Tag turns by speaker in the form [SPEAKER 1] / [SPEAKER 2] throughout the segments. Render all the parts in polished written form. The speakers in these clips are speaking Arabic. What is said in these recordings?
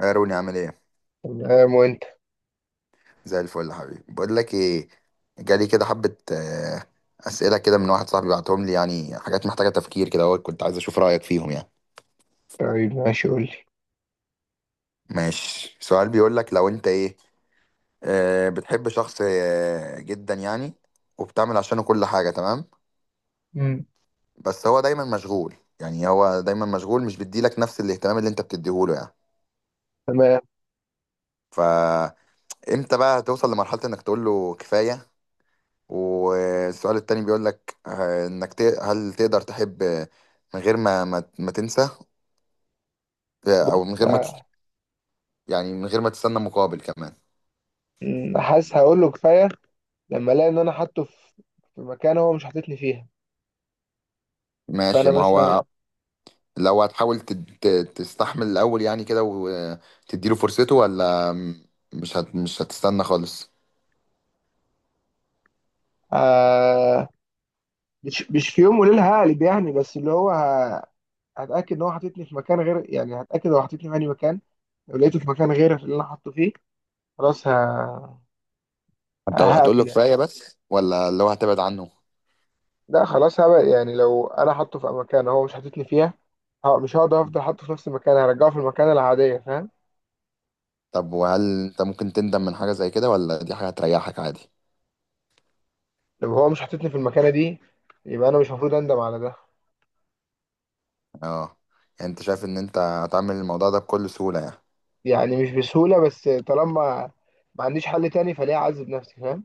[SPEAKER 1] يا روني عامل ايه؟
[SPEAKER 2] تمام وانت.
[SPEAKER 1] زي الفل يا حبيبي. بقول لك ايه، جالي كده حبه اسئله كده من واحد صاحبي بعتهم لي، يعني حاجات محتاجه تفكير كده، اهو كنت عايز اشوف رايك فيهم يعني.
[SPEAKER 2] طيب، ماشي، قول لي.
[SPEAKER 1] ماشي، سؤال بيقول لك: لو انت ايه، بتحب شخص جدا يعني، وبتعمل عشانه كل حاجه، تمام،
[SPEAKER 2] مم.
[SPEAKER 1] بس هو دايما مشغول. يعني هو دايما مشغول، مش بيديلك نفس الاهتمام اللي انت بتديهوله يعني.
[SPEAKER 2] تمام.
[SPEAKER 1] فامتى بقى هتوصل لمرحله انك تقول له كفايه؟ والسؤال التاني بيقول لك انك هل تقدر تحب من غير ما تنسى، او من
[SPEAKER 2] بص
[SPEAKER 1] غير ما تس-
[SPEAKER 2] ه-
[SPEAKER 1] يعني من غير ما تستنى مقابل كمان.
[SPEAKER 2] حاسس هقول له كفايه لما الاقي ان انا حاطه في مكان هو مش حاططني فيها. فانا
[SPEAKER 1] ماشي، ما
[SPEAKER 2] مثلا
[SPEAKER 1] هو لو هتحاول تستحمل الاول يعني كده، وتديله فرصته، ولا مش هتستنى خالص؟
[SPEAKER 2] آه، مش في يوم وليله هقلب يعني، بس اللي هو هتاكد ان هو حاططني في مكان غير، يعني هتاكد هو حاططني في اي مكان. لو لقيته في مكان غير اللي انا حاطه فيه، خلاص
[SPEAKER 1] هتقول له
[SPEAKER 2] هقفل يعني.
[SPEAKER 1] كفاية بس، ولا لو هتبعد عنه؟
[SPEAKER 2] لا خلاص، هبقى يعني لو انا حاطه في مكان هو مش حاططني فيها، مش هقدر افضل حاطه في نفس المكان، هرجعه في المكان العاديه، فاهم؟
[SPEAKER 1] طب، وهل انت ممكن تندم من حاجة زي كده، ولا دي حاجة هتريحك عادي؟
[SPEAKER 2] لو هو مش حاططني في المكانة دي، يبقى أنا مش المفروض أندم على ده.
[SPEAKER 1] اه، يعني انت شايف ان انت هتعمل الموضوع ده بكل سهولة يعني.
[SPEAKER 2] يعني مش بسهولة، بس طالما ما عنديش حل تاني فليه أعذب نفسي، فاهم؟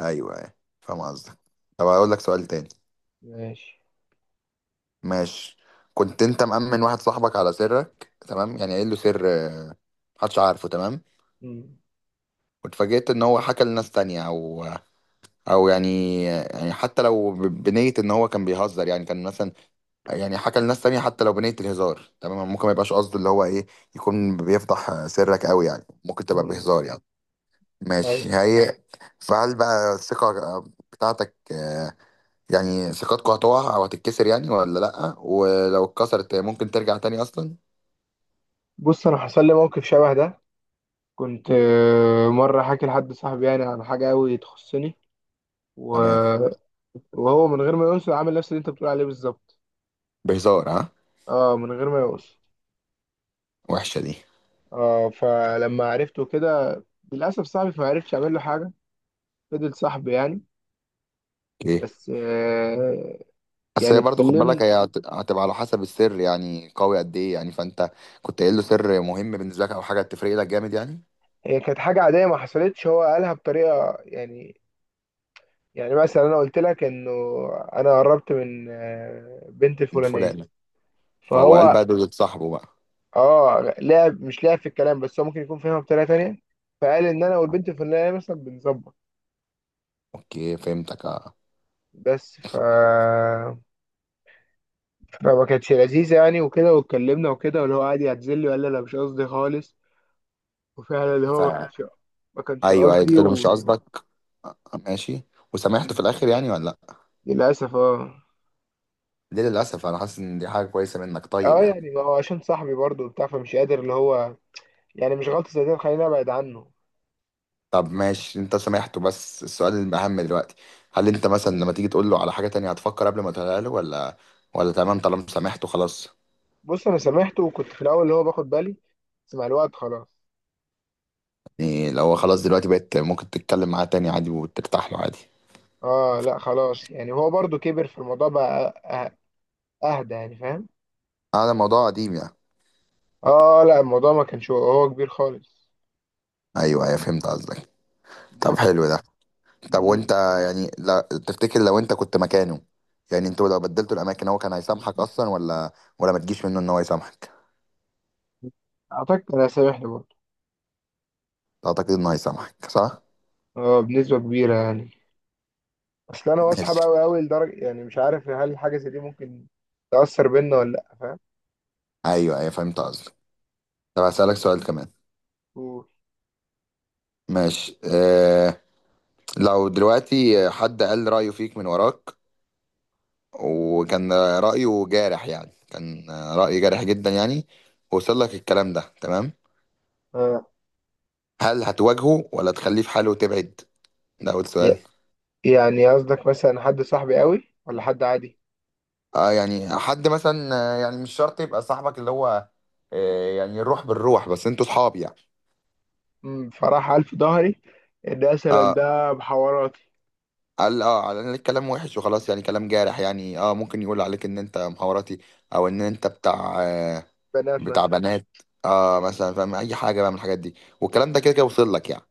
[SPEAKER 1] ايوه ايوه، فاهم قصدك. طب هقول لك سؤال تاني.
[SPEAKER 2] ماشي.
[SPEAKER 1] ماشي، كنت انت مأمن واحد صاحبك على سرك، تمام يعني، قايل له سر محدش عارفه، تمام،
[SPEAKER 2] مم.
[SPEAKER 1] واتفاجئت ان هو حكى لناس تانية، او او يعني، حتى لو بنية ان هو كان بيهزر يعني، كان مثلا يعني حكى لناس تانية حتى لو بنية الهزار. تمام، ممكن ما يبقاش قصده، اللي هو ايه، يكون بيفضح سرك، قوي يعني، ممكن تبقى
[SPEAKER 2] مم.
[SPEAKER 1] بهزار يعني.
[SPEAKER 2] أيوة.
[SPEAKER 1] ماشي، هي فهل بقى الثقة بتاعتك، يعني ثقتكوا هتقع او هتتكسر يعني، ولا لا؟ ولو اتكسرت ممكن ترجع تاني اصلا؟
[SPEAKER 2] بص، أنا حصل لي موقف شبه ده. كنت مرة حاكي لحد صاحبي يعني عن حاجة أوي تخصني و...
[SPEAKER 1] تمام.
[SPEAKER 2] وهو من غير ما يقصد عامل نفس اللي أنت بتقول عليه بالظبط.
[SPEAKER 1] بهزار، ها.
[SPEAKER 2] اه، من غير ما يقصد.
[SPEAKER 1] وحشه دي.
[SPEAKER 2] اه، فلما عرفته كده للأسف صاحبي، فما عرفتش أعمل له حاجة. فضل صاحبي يعني.
[SPEAKER 1] اوكي.
[SPEAKER 2] بس
[SPEAKER 1] بس
[SPEAKER 2] يعني
[SPEAKER 1] هي برضه خد بالك،
[SPEAKER 2] اتكلمنا.
[SPEAKER 1] هي هتبقى على حسب السر يعني، قوي قد ايه يعني، فانت كنت قايل له سر مهم بالنسبه لك، او حاجه تفرق لك جامد يعني.
[SPEAKER 2] هي كانت حاجة عادية ما حصلتش، هو قالها بطريقة يعني. يعني مثلا أنا قلت لك إنه أنا قربت من بنت
[SPEAKER 1] من
[SPEAKER 2] الفلانية،
[SPEAKER 1] فلان. فهو قال
[SPEAKER 2] فهو
[SPEAKER 1] بقى، دول صاحبه بقى.
[SPEAKER 2] آه، لعب مش لعب في الكلام، بس هو ممكن يكون فاهمها بطريقة تانية، فقال إن أنا والبنت الفلانية مثلا بنظبط.
[SPEAKER 1] اوكي، فهمتك، اه.
[SPEAKER 2] بس ف...
[SPEAKER 1] ف...
[SPEAKER 2] فما كانتش لذيذة يعني، وكده، واتكلمنا وكده، واللي هو قعد يعتذر لي وقال لي أنا مش قصدي خالص. وفعلا اللي
[SPEAKER 1] ف...
[SPEAKER 2] هو ما كانش ما كانش
[SPEAKER 1] ايوه،
[SPEAKER 2] قصدي
[SPEAKER 1] قلت له مش
[SPEAKER 2] و...
[SPEAKER 1] قصدك. آه، ماشي، وسامحته في الاخر يعني، ولا لا؟
[SPEAKER 2] للأسف اه.
[SPEAKER 1] ليه للاسف؟ انا حاسس ان دي حاجه كويسه منك، طيب
[SPEAKER 2] اه
[SPEAKER 1] يعني.
[SPEAKER 2] يعني ما هو عشان صاحبي برضه وبتاع، فمش قادر اللي هو يعني مش غلطة زي دي خليني أبعد عنه.
[SPEAKER 1] طب ماشي، انت سامحته، بس السؤال الأهم دلوقتي: هل انت مثلا لما تيجي تقول له على حاجة تانية هتفكر قبل ما تقولها له، ولا تمام طالما سامحته خلاص؟
[SPEAKER 2] بص أنا سامحته، وكنت في الأول اللي هو باخد بالي، بس مع الوقت خلاص.
[SPEAKER 1] يعني لو هو خلاص دلوقتي، بقيت ممكن تتكلم معاه تاني عادي وترتاح له عادي؟
[SPEAKER 2] آه لا خلاص، يعني هو برضو كبر في الموضوع بقى. أه- أهدى يعني، فاهم؟
[SPEAKER 1] هذا موضوع قديم يعني.
[SPEAKER 2] آه لا، الموضوع ما كانش هو كبير خالص.
[SPEAKER 1] ايوه ايوه، فهمت قصدك. طب
[SPEAKER 2] بس.
[SPEAKER 1] حلو ده. طب
[SPEAKER 2] مم.
[SPEAKER 1] وانت، يعني لا، تفتكر لو انت كنت مكانه، يعني انتوا لو بدلتوا الاماكن، هو كان هيسامحك اصلا، ولا ما تجيش منه ان هو يسامحك؟
[SPEAKER 2] أعتقد أنا سامحني برضو.
[SPEAKER 1] اعتقد انه هيسامحك، صح؟
[SPEAKER 2] آه، بنسبة كبيرة يعني. أصل أنا واثق
[SPEAKER 1] ماشي.
[SPEAKER 2] أوي أوي لدرجة يعني مش عارف هل حاجة زي دي ممكن تأثر بينا ولا لأ، فاهم؟
[SPEAKER 1] ايوه ايوه، فهمت قصدك. طب هسألك سؤال كمان.
[SPEAKER 2] قول.
[SPEAKER 1] ماشي، آه، لو دلوقتي حد قال رأيه فيك من وراك، وكان رأيه جارح يعني، كان رأي جارح جدا يعني، ووصل لك الكلام ده، تمام،
[SPEAKER 2] آه.
[SPEAKER 1] هل هتواجهه ولا تخليه في حاله وتبعد؟ ده أول سؤال.
[SPEAKER 2] ي- يعني قصدك مثلا حد صاحبي أوي ولا حد عادي؟
[SPEAKER 1] آه يعني حد مثلا، يعني مش شرط يبقى صاحبك، اللي هو آه يعني الروح بالروح، بس انتوا صحاب يعني.
[SPEAKER 2] فراح قال في ظهري ان مثلا
[SPEAKER 1] اه،
[SPEAKER 2] ده بحواراتي
[SPEAKER 1] قال اه، قال الكلام وحش وخلاص يعني، كلام جارح يعني، اه، ممكن يقول عليك ان انت مخابراتي، او ان انت بتاع آه،
[SPEAKER 2] بنات
[SPEAKER 1] بتاع
[SPEAKER 2] مثلا.
[SPEAKER 1] بنات، اه مثلا، فاهم، اي حاجه بقى من الحاجات دي، والكلام ده كده كده وصل لك يعني،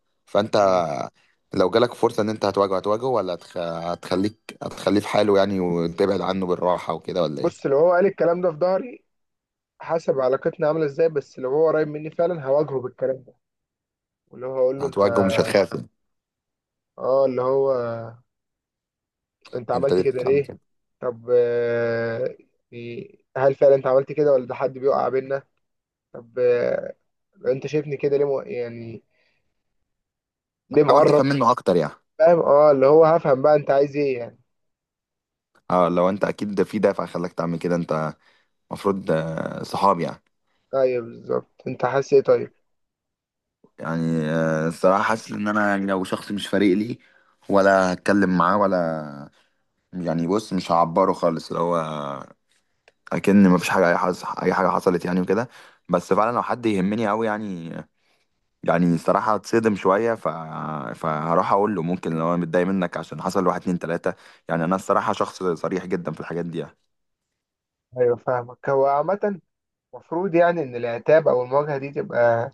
[SPEAKER 2] مم.
[SPEAKER 1] فانت لو جالك فرصه ان انت هتواجهه، هتواجهه، ولا هتخليه في حاله يعني وتبعد عنه بالراحه وكده، ولا ايه؟
[SPEAKER 2] بص لو هو قال الكلام ده في ظهري، حسب علاقتنا عامله ازاي، بس لو هو قريب مني فعلا هواجهه بالكلام ده، واللي هو هقول له انت،
[SPEAKER 1] هتواجهه، مش هتخاف يعني.
[SPEAKER 2] اه اللي هو انت
[SPEAKER 1] انت
[SPEAKER 2] عملت
[SPEAKER 1] ليه
[SPEAKER 2] كده
[SPEAKER 1] بتعمل
[SPEAKER 2] ليه.
[SPEAKER 1] كده؟
[SPEAKER 2] طب يعني هل فعلا انت عملت كده ولا ده حد بيقع بينا؟ طب انت شايفني كده ليه يعني ليه
[SPEAKER 1] حاول تفهم
[SPEAKER 2] مقرب.
[SPEAKER 1] منه اكتر يعني.
[SPEAKER 2] فاهم اه، اللي هو هفهم بقى انت عايز ايه يعني.
[SPEAKER 1] اه، لو انت اكيد ده في دافع خلاك تعمل كده، انت المفروض صحاب يعني.
[SPEAKER 2] ايوه بالظبط، انت حاسس ايه طيب؟
[SPEAKER 1] يعني الصراحه حاسس ان انا، يعني لو شخص مش فارق لي، ولا هتكلم معاه ولا، يعني بص مش هعبره خالص، اللي هو اكن مفيش حاجه، اي حاجه، حصلت يعني وكده. بس فعلا لو حد يهمني قوي يعني، يعني الصراحه اتصدم شويه، فهروح اقول له، ممكن لو انا متضايق منك عشان حصل واحد اتنين تلاته، يعني انا الصراحه شخص صريح جدا في الحاجات دي يعني.
[SPEAKER 2] ايوه فاهمك. هو عامة المفروض يعني إن العتاب أو المواجهة دي تبقى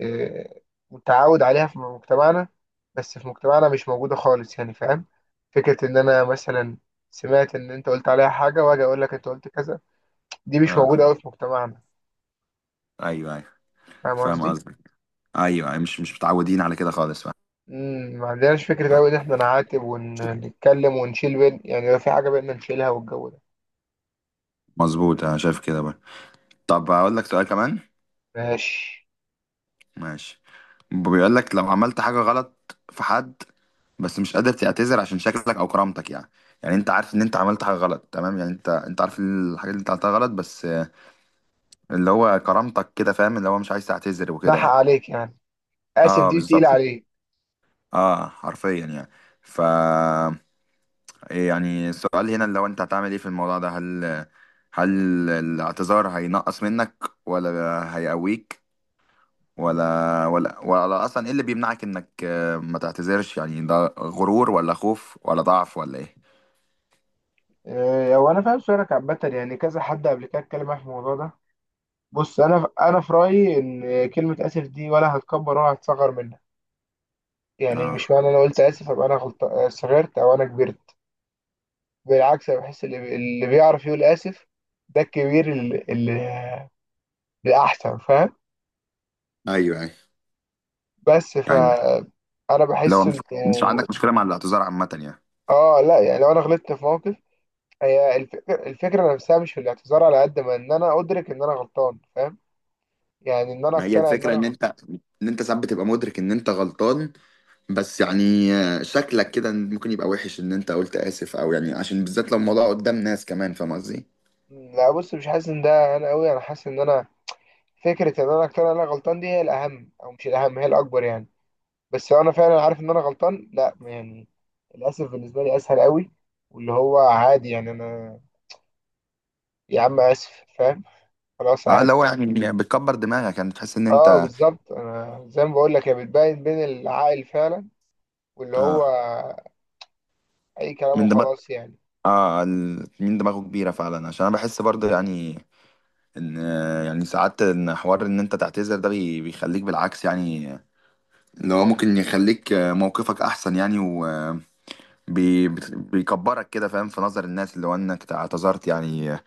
[SPEAKER 2] آه، متعود عليها في مجتمعنا، بس في مجتمعنا مش موجودة خالص يعني، فاهم؟ فكرة إن أنا مثلا سمعت إن أنت قلت عليها حاجة وأجي أقول لك أنت قلت كذا، دي مش
[SPEAKER 1] اه.
[SPEAKER 2] موجودة أوي في مجتمعنا.
[SPEAKER 1] ايوه ايوه،
[SPEAKER 2] فاهم
[SPEAKER 1] فاهم
[SPEAKER 2] قصدي؟
[SPEAKER 1] قصدك. ايوه أيوة، مش مش متعودين على كده خالص، فاهم.
[SPEAKER 2] ما عندناش فكرة
[SPEAKER 1] فاهم.
[SPEAKER 2] أوي إن إحنا نعاتب ونتكلم ونشيل بين، يعني لو في حاجة بينا نشيلها والجو ده.
[SPEAKER 1] مظبوط، انا شايف كده بقى. طب هقول لك سؤال كمان.
[SPEAKER 2] ماشي.
[SPEAKER 1] ماشي، بيقول لك لو عملت حاجة غلط في حد، بس مش قادر تعتذر عشان شكلك او كرامتك يعني، يعني انت عارف ان انت عملت حاجة غلط، تمام يعني، انت عارف الحاجة اللي انت عملتها غلط، بس اللي هو كرامتك كده، فاهم، اللي هو مش عايز تعتذر وكده
[SPEAKER 2] بحق
[SPEAKER 1] يعني.
[SPEAKER 2] عليك يعني، آسف
[SPEAKER 1] اه
[SPEAKER 2] دي
[SPEAKER 1] بالظبط.
[SPEAKER 2] تقيلة عليك.
[SPEAKER 1] اه، حرفيا يعني. ف، يعني السؤال هنا اللي هو انت هتعمل ايه في الموضوع ده، هل هل الاعتذار هينقص منك، ولا هيقويك،
[SPEAKER 2] مم.
[SPEAKER 1] ولا اصلا ايه اللي بيمنعك انك ما تعتذرش يعني؟ ده غرور، ولا خوف، ولا ضعف، ولا ايه؟
[SPEAKER 2] هو أنا فاهم سؤالك عامة، يعني كذا حد قبل كده اتكلم معايا في الموضوع ده. بص، انا في رايي ان كلمه اسف دي ولا هتكبر ولا هتصغر منها، يعني مش
[SPEAKER 1] اه.
[SPEAKER 2] معنى انا قلت اسف ابقى انا غلط صغرت او انا كبرت. بالعكس، انا بحس اللي بيعرف يقول اسف ده الكبير، اللي الاحسن، فاهم؟
[SPEAKER 1] ايوه ايوه.
[SPEAKER 2] بس ف
[SPEAKER 1] يعني
[SPEAKER 2] انا
[SPEAKER 1] لو
[SPEAKER 2] بحس انه
[SPEAKER 1] مش عندك مشكلة مع الاعتذار عامة يعني.
[SPEAKER 2] اه لا، يعني لو انا غلطت في موقف، هي الفكره نفسها مش في الاعتذار على قد ما ان انا ادرك ان انا غلطان، فاهم؟ يعني ان انا
[SPEAKER 1] ما هي
[SPEAKER 2] اقتنع ان
[SPEAKER 1] الفكرة
[SPEAKER 2] انا
[SPEAKER 1] ان
[SPEAKER 2] غلطان.
[SPEAKER 1] انت، ساعات بتبقى مدرك ان انت غلطان، بس يعني شكلك كده ممكن يبقى وحش ان انت قلت اسف، او يعني عشان بالذات لو الموضوع قدام ناس كمان، فاهم قصدي؟
[SPEAKER 2] لا بص، مش حاسس ان ده انا قوي، انا حاسس ان انا فكرة ان انا اقتنع ان انا غلطان دي هي الاهم، او مش الاهم هي الاكبر يعني. بس لو انا فعلا عارف ان انا غلطان لا يعني، للاسف بالنسبة لي اسهل قوي. واللي هو عادي يعني انا، يا عم اسف، فاهم؟ خلاص
[SPEAKER 1] اه،
[SPEAKER 2] عادي.
[SPEAKER 1] لو يعني بتكبر دماغك يعني، بتحس ان
[SPEAKER 2] اه
[SPEAKER 1] انت.
[SPEAKER 2] بالظبط، انا زي ما بقول لك هي بتبين بين العاقل فعلا، واللي هو
[SPEAKER 1] اه،
[SPEAKER 2] اي كلام
[SPEAKER 1] من دماغ،
[SPEAKER 2] وخلاص يعني.
[SPEAKER 1] اه، من دماغه كبيرة فعلا، عشان انا بحس برضه يعني ان، يعني ساعات ان حوار ان انت تعتذر ده بيخليك بالعكس يعني، اللي هو ممكن يخليك موقفك احسن يعني، وبيكبرك كده، فاهم، في نظر الناس، اللي هو انك اعتذرت يعني.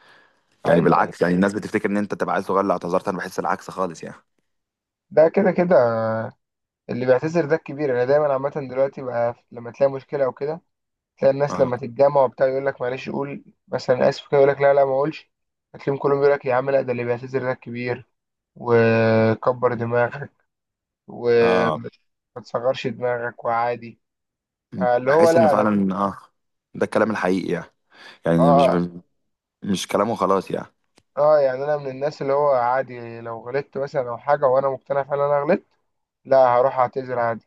[SPEAKER 1] يعني
[SPEAKER 2] ايوه، أيوة.
[SPEAKER 1] بالعكس، يعني الناس بتفتكر ان انت تبقى عيل صغير اللي اعتذرت، انا بحس العكس خالص يعني.
[SPEAKER 2] ده كده كده، اللي بيعتذر ده الكبير. انا دايما عامة دلوقتي بقى، لما تلاقي مشكلة او كده، تلاقي الناس
[SPEAKER 1] اه.
[SPEAKER 2] لما تتجمع وبتاع يقول لك معلش، قول مثلا اسف كده، يقول لك لا لا ما اقولش، هتلاقيهم كلهم يقول لك يا عم لا، ده اللي بيعتذر ده كبير، وكبر دماغك،
[SPEAKER 1] اه،
[SPEAKER 2] وما تصغرش دماغك، وعادي. اللي هو
[SPEAKER 1] بحس ان
[SPEAKER 2] لا انا،
[SPEAKER 1] فعلا، اه، ده الكلام الحقيقي يعني، يعني
[SPEAKER 2] اه.
[SPEAKER 1] مش كلامه خلاص يعني.
[SPEAKER 2] اه يعني انا من الناس اللي هو عادي لو غلطت مثلا او حاجه وانا مقتنع فعلا انا غلطت، لا هروح اعتذر.